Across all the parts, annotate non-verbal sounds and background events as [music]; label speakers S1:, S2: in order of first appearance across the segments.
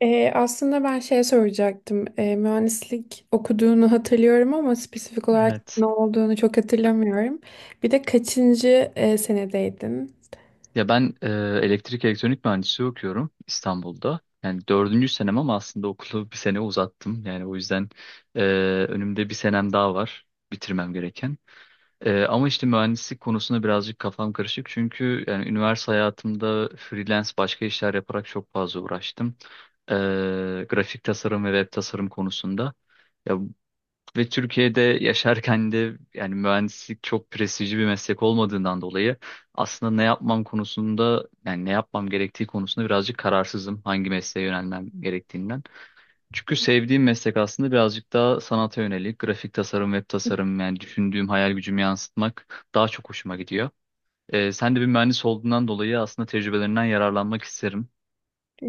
S1: Aslında ben şey soracaktım. Mühendislik okuduğunu hatırlıyorum, ama spesifik olarak
S2: Evet.
S1: ne olduğunu çok hatırlamıyorum. Bir de kaçıncı senedeydin?
S2: Ya ben e, Elektrik elektronik mühendisliği okuyorum İstanbul'da. Yani dördüncü senem ama aslında okulu bir sene uzattım. Yani o yüzden e, önümde bir senem daha var bitirmem gereken. Ama işte mühendislik konusunda birazcık kafam karışık. Çünkü yani üniversite hayatımda freelance başka işler yaparak çok fazla uğraştım. E, Grafik tasarım ve web tasarım konusunda. Ya Ve Türkiye'de yaşarken de yani mühendislik çok prestijli bir meslek olmadığından dolayı aslında ne yapmam konusunda yani ne yapmam gerektiği konusunda birazcık kararsızım hangi mesleğe yönelmem gerektiğinden. Çünkü sevdiğim meslek aslında birazcık daha sanata yönelik grafik tasarım, web tasarım yani düşündüğüm hayal gücümü yansıtmak daha çok hoşuma gidiyor. Sen de bir mühendis olduğundan dolayı aslında tecrübelerinden yararlanmak isterim.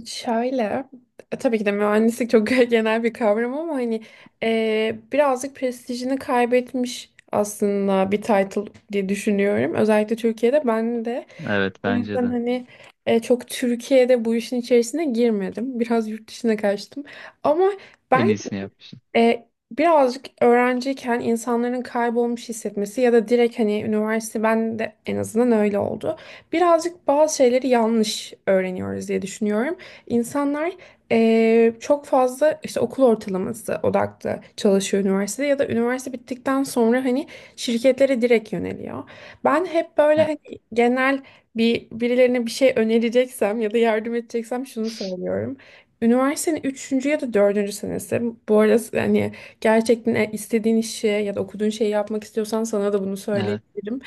S1: Şöyle, tabii ki de mühendislik çok [laughs] genel bir kavram, ama hani birazcık prestijini kaybetmiş aslında bir title diye düşünüyorum. Özellikle Türkiye'de, ben de.
S2: Evet,
S1: O
S2: bence
S1: yüzden
S2: de
S1: hani çok Türkiye'de bu işin içerisine girmedim. Biraz yurt dışına kaçtım. Ama
S2: en
S1: ben,
S2: iyisini yapmışsın.
S1: Birazcık öğrenciyken insanların kaybolmuş hissetmesi ya da direkt hani üniversite, ben de en azından öyle oldu. Birazcık bazı şeyleri yanlış öğreniyoruz diye düşünüyorum. İnsanlar çok fazla işte okul ortalaması odaklı çalışıyor üniversitede, ya da üniversite bittikten sonra hani şirketlere direkt yöneliyor. Ben hep böyle
S2: Ya,
S1: hani genel bir, birilerine bir şey önereceksem ya da yardım edeceksem şunu söylüyorum. Üniversitenin üçüncü ya da dördüncü senesi. Bu arada hani gerçekten istediğin işi ya da okuduğun şeyi yapmak istiyorsan sana da bunu
S2: evet,
S1: söyleyebilirim.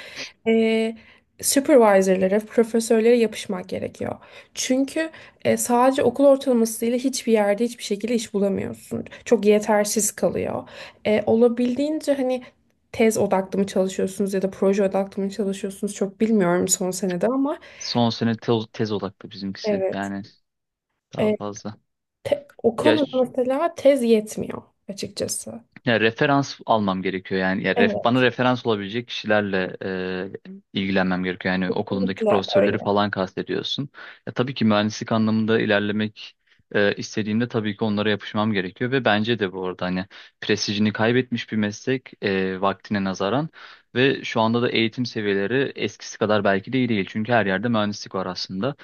S1: Ee, supervisor'lara, profesörlere yapışmak gerekiyor. Çünkü sadece okul ortalamasıyla hiçbir yerde hiçbir şekilde iş bulamıyorsun. Çok yetersiz kalıyor. Olabildiğince hani tez odaklı mı çalışıyorsunuz ya da proje odaklı mı çalışıyorsunuz, çok bilmiyorum son senede. Ama
S2: son sene tez odaklı bizimkisi
S1: evet.
S2: yani. Daha fazla.
S1: O
S2: Ya,
S1: konuda
S2: ş-
S1: mesela tez yetmiyor açıkçası.
S2: Ya referans almam gerekiyor yani. Ya ref, bana
S1: Evet,
S2: referans olabilecek kişilerle ilgilenmem gerekiyor. Yani okulumdaki
S1: kesinlikle
S2: profesörleri
S1: öyle.
S2: falan kastediyorsun. Ya, tabii ki mühendislik anlamında ilerlemek istediğimde tabii ki onlara yapışmam gerekiyor ve bence de bu arada hani prestijini kaybetmiş bir meslek vaktine nazaran ve şu anda da eğitim seviyeleri eskisi kadar belki de iyi değil. Çünkü her yerde mühendislik var aslında.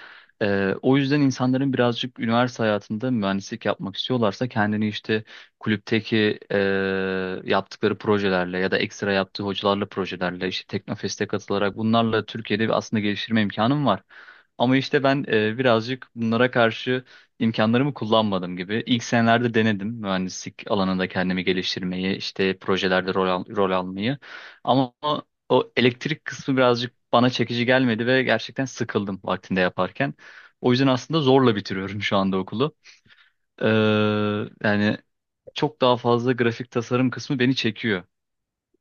S2: O yüzden insanların birazcık üniversite hayatında mühendislik yapmak istiyorlarsa kendini işte kulüpteki yaptıkları projelerle ya da ekstra yaptığı hocalarla projelerle işte Teknofest'e katılarak bunlarla Türkiye'de bir aslında geliştirme imkanım var. Ama işte ben birazcık bunlara karşı imkanlarımı kullanmadım gibi. İlk senelerde denedim mühendislik alanında kendimi geliştirmeyi, işte projelerde rol almayı. Ama o elektrik kısmı birazcık bana çekici gelmedi ve gerçekten sıkıldım vaktinde yaparken. O yüzden aslında zorla bitiriyorum şu anda okulu. Ee, yani çok daha fazla grafik tasarım kısmı beni çekiyor.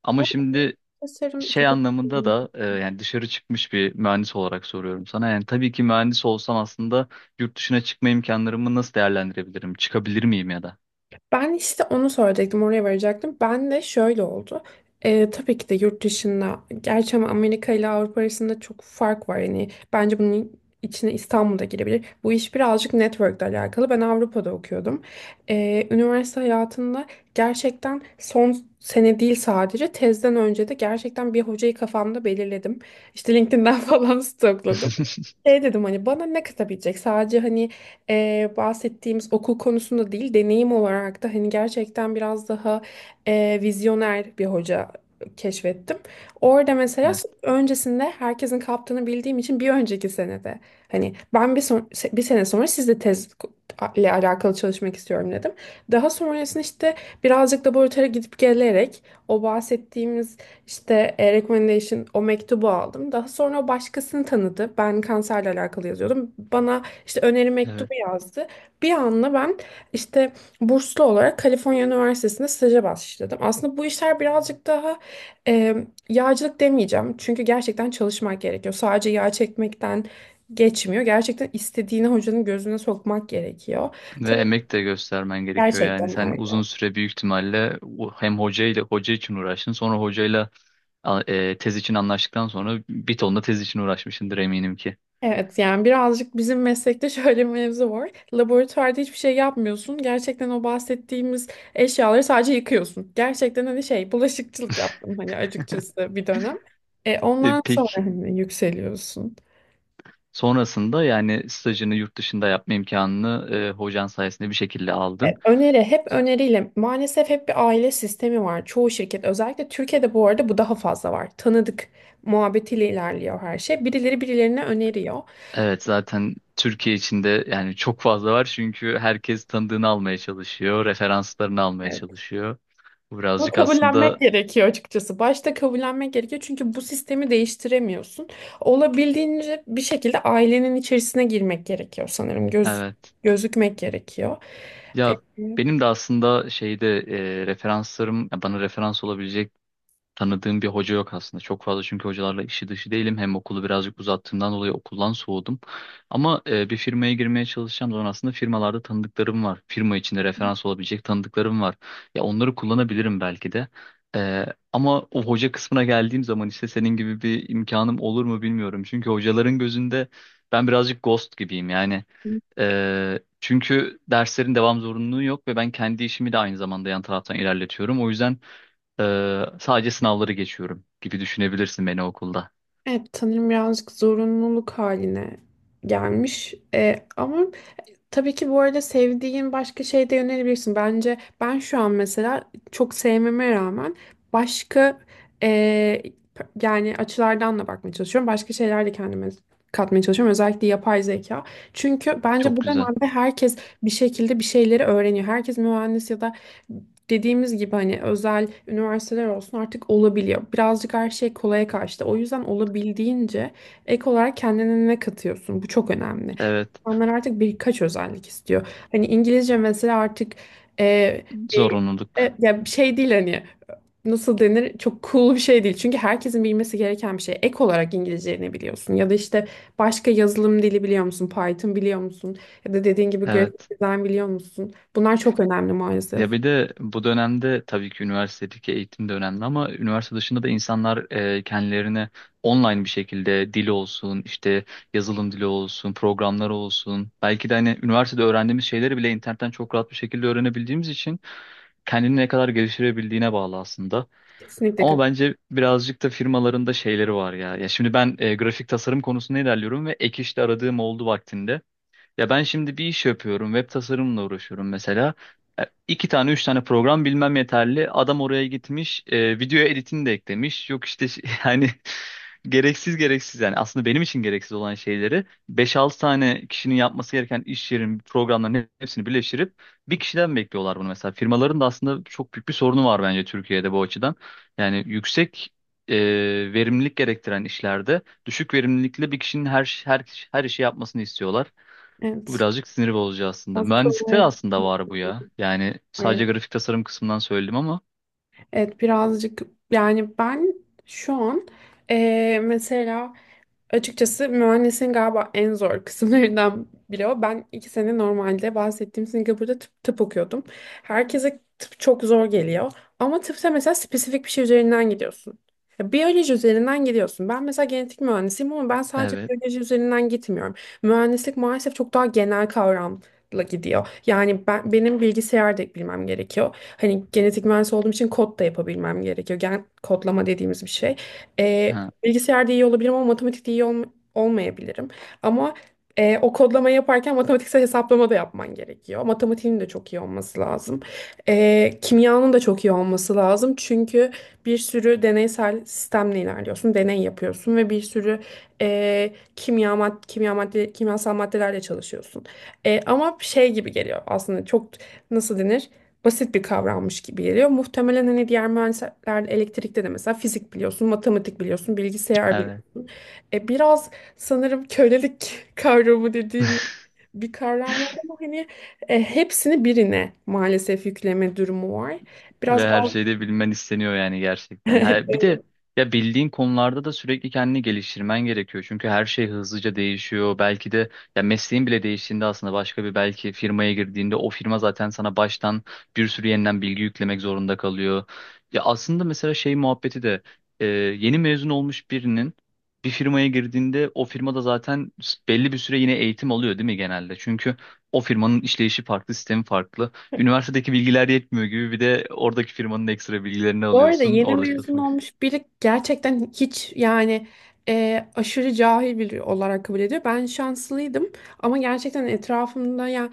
S2: Ama
S1: Bu
S2: şimdi
S1: tasarım
S2: şey
S1: çok
S2: anlamında
S1: önemli.
S2: da yani dışarı çıkmış bir mühendis olarak soruyorum sana. Yani tabii ki mühendis olsam aslında yurt dışına çıkma imkanlarımı nasıl değerlendirebilirim? Çıkabilir miyim ya da?
S1: Ben işte onu söyleyecektim, oraya varacaktım. Ben de şöyle oldu. Tabii ki de yurt dışında, gerçi ama Amerika ile Avrupa arasında çok fark var. Yani bence bunun içine İstanbul da girebilir. Bu iş birazcık network'le alakalı. Ben Avrupa'da okuyordum. Üniversite hayatında gerçekten son sene değil, sadece tezden önce de gerçekten bir hocayı kafamda belirledim. İşte LinkedIn'den [laughs] falan stokladım.
S2: [laughs]
S1: Şey dedim hani, bana ne katabilecek? Sadece hani bahsettiğimiz okul konusunda değil, deneyim olarak da hani gerçekten biraz daha vizyoner bir hoca keşfettim. Orada mesela
S2: Evet.
S1: öncesinde herkesin kaptığını bildiğim için bir önceki senede hani ben, bir sene sonra sizle tez ile alakalı çalışmak istiyorum dedim. Daha sonrasında işte birazcık laboratuvara gidip gelerek o bahsettiğimiz işte recommendation, o mektubu aldım. Daha sonra o başkasını tanıdı. Ben kanserle alakalı yazıyordum. Bana işte öneri
S2: Evet.
S1: mektubu yazdı. Bir anda ben işte burslu olarak Kaliforniya Üniversitesi'nde staja başladım. Aslında bu işler birazcık daha e, yağcılık demeyeceğim. Çünkü gerçekten çalışmak gerekiyor. Sadece yağ çekmekten geçmiyor. Gerçekten istediğini hocanın gözüne sokmak gerekiyor.
S2: Ve
S1: Tabii ki.
S2: emek de göstermen gerekiyor yani
S1: Gerçekten.
S2: sen uzun süre büyük ihtimalle hem hocayla hoca için uğraştın sonra hocayla tez için anlaştıktan sonra bir ton da tez için uğraşmışsındır eminim ki.
S1: Evet, yani birazcık bizim meslekte [laughs] şöyle bir mevzu var. Laboratuvarda hiçbir şey yapmıyorsun. Gerçekten o bahsettiğimiz eşyaları sadece yıkıyorsun. Gerçekten hani şey, bulaşıkçılık yaptım hani açıkçası bir dönem. E, ondan sonra
S2: Peki,
S1: hani yükseliyorsun.
S2: sonrasında yani stajını yurt dışında yapma imkanını hocan sayesinde bir şekilde
S1: E,
S2: aldın.
S1: öneri hep öneriyle, maalesef hep bir aile sistemi var. Çoğu şirket, özellikle Türkiye'de, bu arada bu daha fazla var. Tanıdık muhabbetiyle ilerliyor her şey. Birileri birilerine öneriyor.
S2: Evet, zaten Türkiye içinde yani çok fazla var çünkü herkes tanıdığını almaya çalışıyor, referanslarını almaya çalışıyor. Bu
S1: Bunu
S2: birazcık aslında
S1: kabullenmek gerekiyor açıkçası. Başta kabullenmek gerekiyor, çünkü bu sistemi değiştiremiyorsun. Olabildiğince bir şekilde ailenin içerisine girmek gerekiyor sanırım.
S2: evet.
S1: Gözükmek gerekiyor.
S2: Ya
S1: Evet.
S2: benim de aslında şeyde referanslarım ya bana referans olabilecek tanıdığım bir hoca yok aslında. Çok fazla çünkü hocalarla işi dışı değilim. Hem okulu birazcık uzattığımdan dolayı okuldan soğudum. Ama bir firmaya girmeye çalışacağım zaman aslında firmalarda tanıdıklarım var. Firma içinde referans olabilecek tanıdıklarım var. Ya onları kullanabilirim belki de. E, Ama o hoca kısmına geldiğim zaman işte senin gibi bir imkanım olur mu bilmiyorum. Çünkü hocaların gözünde ben birazcık ghost gibiyim yani. Çünkü derslerin devam zorunluluğu yok ve ben kendi işimi de aynı zamanda yan taraftan ilerletiyorum. O yüzden sadece sınavları geçiyorum gibi düşünebilirsin beni okulda.
S1: Evet, sanırım birazcık zorunluluk haline gelmiş. Ama tabii ki bu arada sevdiğin başka şeye de yönelebilirsin. Bence ben şu an mesela çok sevmeme rağmen başka eee, yani açılardan da bakmaya çalışıyorum. Başka şeyler de kendime katmaya çalışıyorum. Özellikle yapay zeka. Çünkü bence
S2: Çok
S1: bu
S2: güzel.
S1: dönemde herkes bir şekilde bir şeyleri öğreniyor. Herkes mühendis, ya da dediğimiz gibi hani özel üniversiteler olsun, artık olabiliyor. Birazcık her şey kolaya kaçtı. O yüzden olabildiğince ek olarak kendine ne katıyorsun? Bu çok önemli.
S2: Evet.
S1: İnsanlar artık birkaç özellik istiyor. Hani İngilizce mesela, artık e, bir
S2: Zorunluluk.
S1: ya bir şey değil hani, nasıl denir, çok cool bir şey değil. Çünkü herkesin bilmesi gereken bir şey. Ek olarak İngilizce ne biliyorsun? Ya da işte başka yazılım dili biliyor musun? Python biliyor musun? Ya da dediğin gibi grafik
S2: Evet.
S1: dizayn biliyor musun? Bunlar çok önemli maalesef.
S2: Ya bir de bu dönemde tabii ki üniversitedeki eğitim de önemli ama üniversite dışında da insanlar kendilerine online bir şekilde dil olsun, işte yazılım dili olsun, programlar olsun. Belki de hani üniversitede öğrendiğimiz şeyleri bile internetten çok rahat bir şekilde öğrenebildiğimiz için kendini ne kadar geliştirebildiğine bağlı aslında.
S1: Kesinlikle.
S2: Ama bence birazcık da firmaların da şeyleri var ya. Ya şimdi ben grafik tasarım konusunda ilerliyorum ve ek işte aradığım oldu vaktinde. Ya ben şimdi bir iş yapıyorum. Web tasarımla uğraşıyorum mesela. İki tane, üç tane program bilmem yeterli. Adam oraya gitmiş, video editini de eklemiş. Yok işte [laughs] yani gereksiz gereksiz yani aslında benim için gereksiz olan şeyleri beş altı tane kişinin yapması gereken iş yerin programların hepsini birleştirip bir kişiden bekliyorlar bunu mesela. Firmaların da aslında çok büyük bir sorunu var bence Türkiye'de bu açıdan. Yani yüksek e, verimlilik gerektiren işlerde düşük verimlilikle bir kişinin her işi yapmasını istiyorlar. Bu
S1: Evet.
S2: birazcık sinir bozucu aslında.
S1: Bazı
S2: Mühendislikte de
S1: konulara.
S2: aslında var bu ya. Yani sadece grafik tasarım kısmından söyledim ama.
S1: Evet, birazcık. Yani ben şu an, mesela, açıkçası mühendisin galiba en zor kısımlarından biri o. Ben 2 sene normalde bahsettiğim Singapur'da tıp okuyordum. Herkese tıp çok zor geliyor. Ama tıpta mesela spesifik bir şey üzerinden gidiyorsun. Ya, biyoloji üzerinden gidiyorsun. Ben mesela genetik mühendisiyim, ama ben sadece
S2: Evet.
S1: biyoloji üzerinden gitmiyorum. Mühendislik maalesef çok daha genel kavramla gidiyor. Yani benim bilgisayar da bilmem gerekiyor. Hani genetik mühendis olduğum için kod da yapabilmem gerekiyor. Gen kodlama dediğimiz bir şey. Ee,
S2: Ha,
S1: Bilgisayarda iyi olabilirim, ama matematikte olmayabilirim. Ama o kodlama yaparken matematiksel hesaplama da yapman gerekiyor. Matematiğin de çok iyi olması lazım. Kimyanın da çok iyi olması lazım. Çünkü bir sürü deneysel sistemle ilerliyorsun. Deney yapıyorsun ve bir sürü kimyasal maddelerle çalışıyorsun. Ama şey gibi geliyor aslında, çok nasıl denir, basit bir kavrammış gibi geliyor. Muhtemelen hani diğer mühendisler, elektrikte de mesela fizik biliyorsun, matematik biliyorsun, bilgisayar
S2: evet.
S1: biliyorsun. Biraz sanırım kölelik [laughs] kavramı dediğim
S2: [laughs]
S1: bir kavram var, ama hani hepsini birine maalesef yükleme durumu var.
S2: Ve
S1: Biraz
S2: her şeyde bilmen isteniyor yani gerçekten. Ha bir
S1: [laughs]
S2: de ya bildiğin konularda da sürekli kendini geliştirmen gerekiyor. Çünkü her şey hızlıca değişiyor. Belki de ya mesleğin bile değiştiğinde aslında başka bir belki firmaya girdiğinde o firma zaten sana baştan bir sürü yeniden bilgi yüklemek zorunda kalıyor. Ya aslında mesela şey muhabbeti de yeni mezun olmuş birinin bir firmaya girdiğinde o firmada zaten belli bir süre yine eğitim alıyor değil mi genelde? Çünkü o firmanın işleyişi farklı, sistemi farklı. Üniversitedeki bilgiler yetmiyor gibi bir de oradaki firmanın ekstra bilgilerini
S1: Bu arada
S2: alıyorsun.
S1: yeni
S2: Orada
S1: mezun
S2: çalışmak.
S1: olmuş biri gerçekten hiç, yani aşırı cahil biri olarak kabul ediyor. Ben şanslıydım, ama gerçekten etrafımda, ya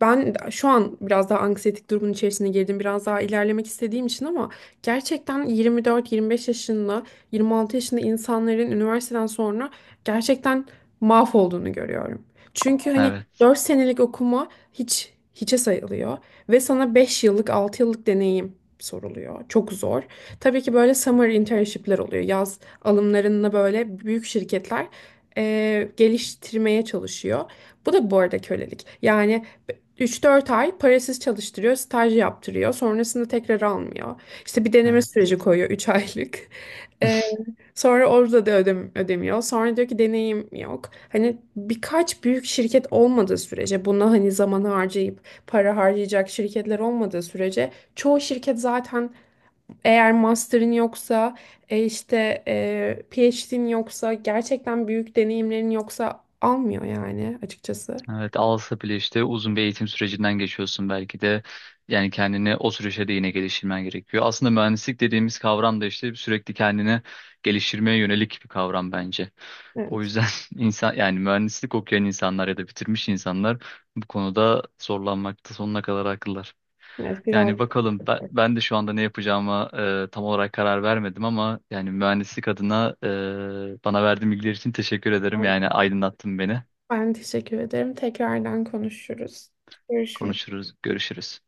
S1: ben şu an biraz daha anksiyetik durumun içerisine girdim. Biraz daha ilerlemek istediğim için, ama gerçekten 24-25 yaşında, 26 yaşında insanların üniversiteden sonra gerçekten mahvolduğunu görüyorum. Çünkü hani
S2: Evet.
S1: 4 senelik okuma hiçe sayılıyor ve sana 5 yıllık 6 yıllık deneyim soruluyor. Çok zor. Tabii ki böyle summer internship'ler oluyor. Yaz alımlarında böyle büyük şirketler geliştirmeye çalışıyor. Bu da bu arada kölelik. Yani 3-4 ay parasız çalıştırıyor, staj yaptırıyor. Sonrasında tekrar almıyor. İşte bir deneme
S2: Evet.
S1: süreci koyuyor, 3 [laughs] aylık. Ee,
S2: [laughs]
S1: sonra orada da ödemiyor. Sonra diyor ki, deneyim yok. Hani birkaç büyük şirket olmadığı sürece, buna hani zaman harcayıp para harcayacak şirketler olmadığı sürece, çoğu şirket zaten eğer master'ın yoksa, işte PhD'nin yoksa, gerçekten büyük deneyimlerin yoksa almıyor yani açıkçası.
S2: Evet, alsa bile işte uzun bir eğitim sürecinden geçiyorsun belki de. Yani kendini o süreçte de yine geliştirmen gerekiyor. Aslında mühendislik dediğimiz kavram da işte sürekli kendini geliştirmeye yönelik bir kavram bence. O
S1: Evet.
S2: yüzden [laughs] insan yani mühendislik okuyan insanlar ya da bitirmiş insanlar bu konuda zorlanmakta sonuna kadar haklılar.
S1: Evet, biraz.
S2: Yani bakalım ben de şu anda ne yapacağıma tam olarak karar vermedim ama yani mühendislik adına bana verdiğin bilgiler için teşekkür ederim. Yani aydınlattın beni.
S1: Ben teşekkür ederim. Tekrardan konuşuruz. Görüşürüz.
S2: Konuşuruz, görüşürüz.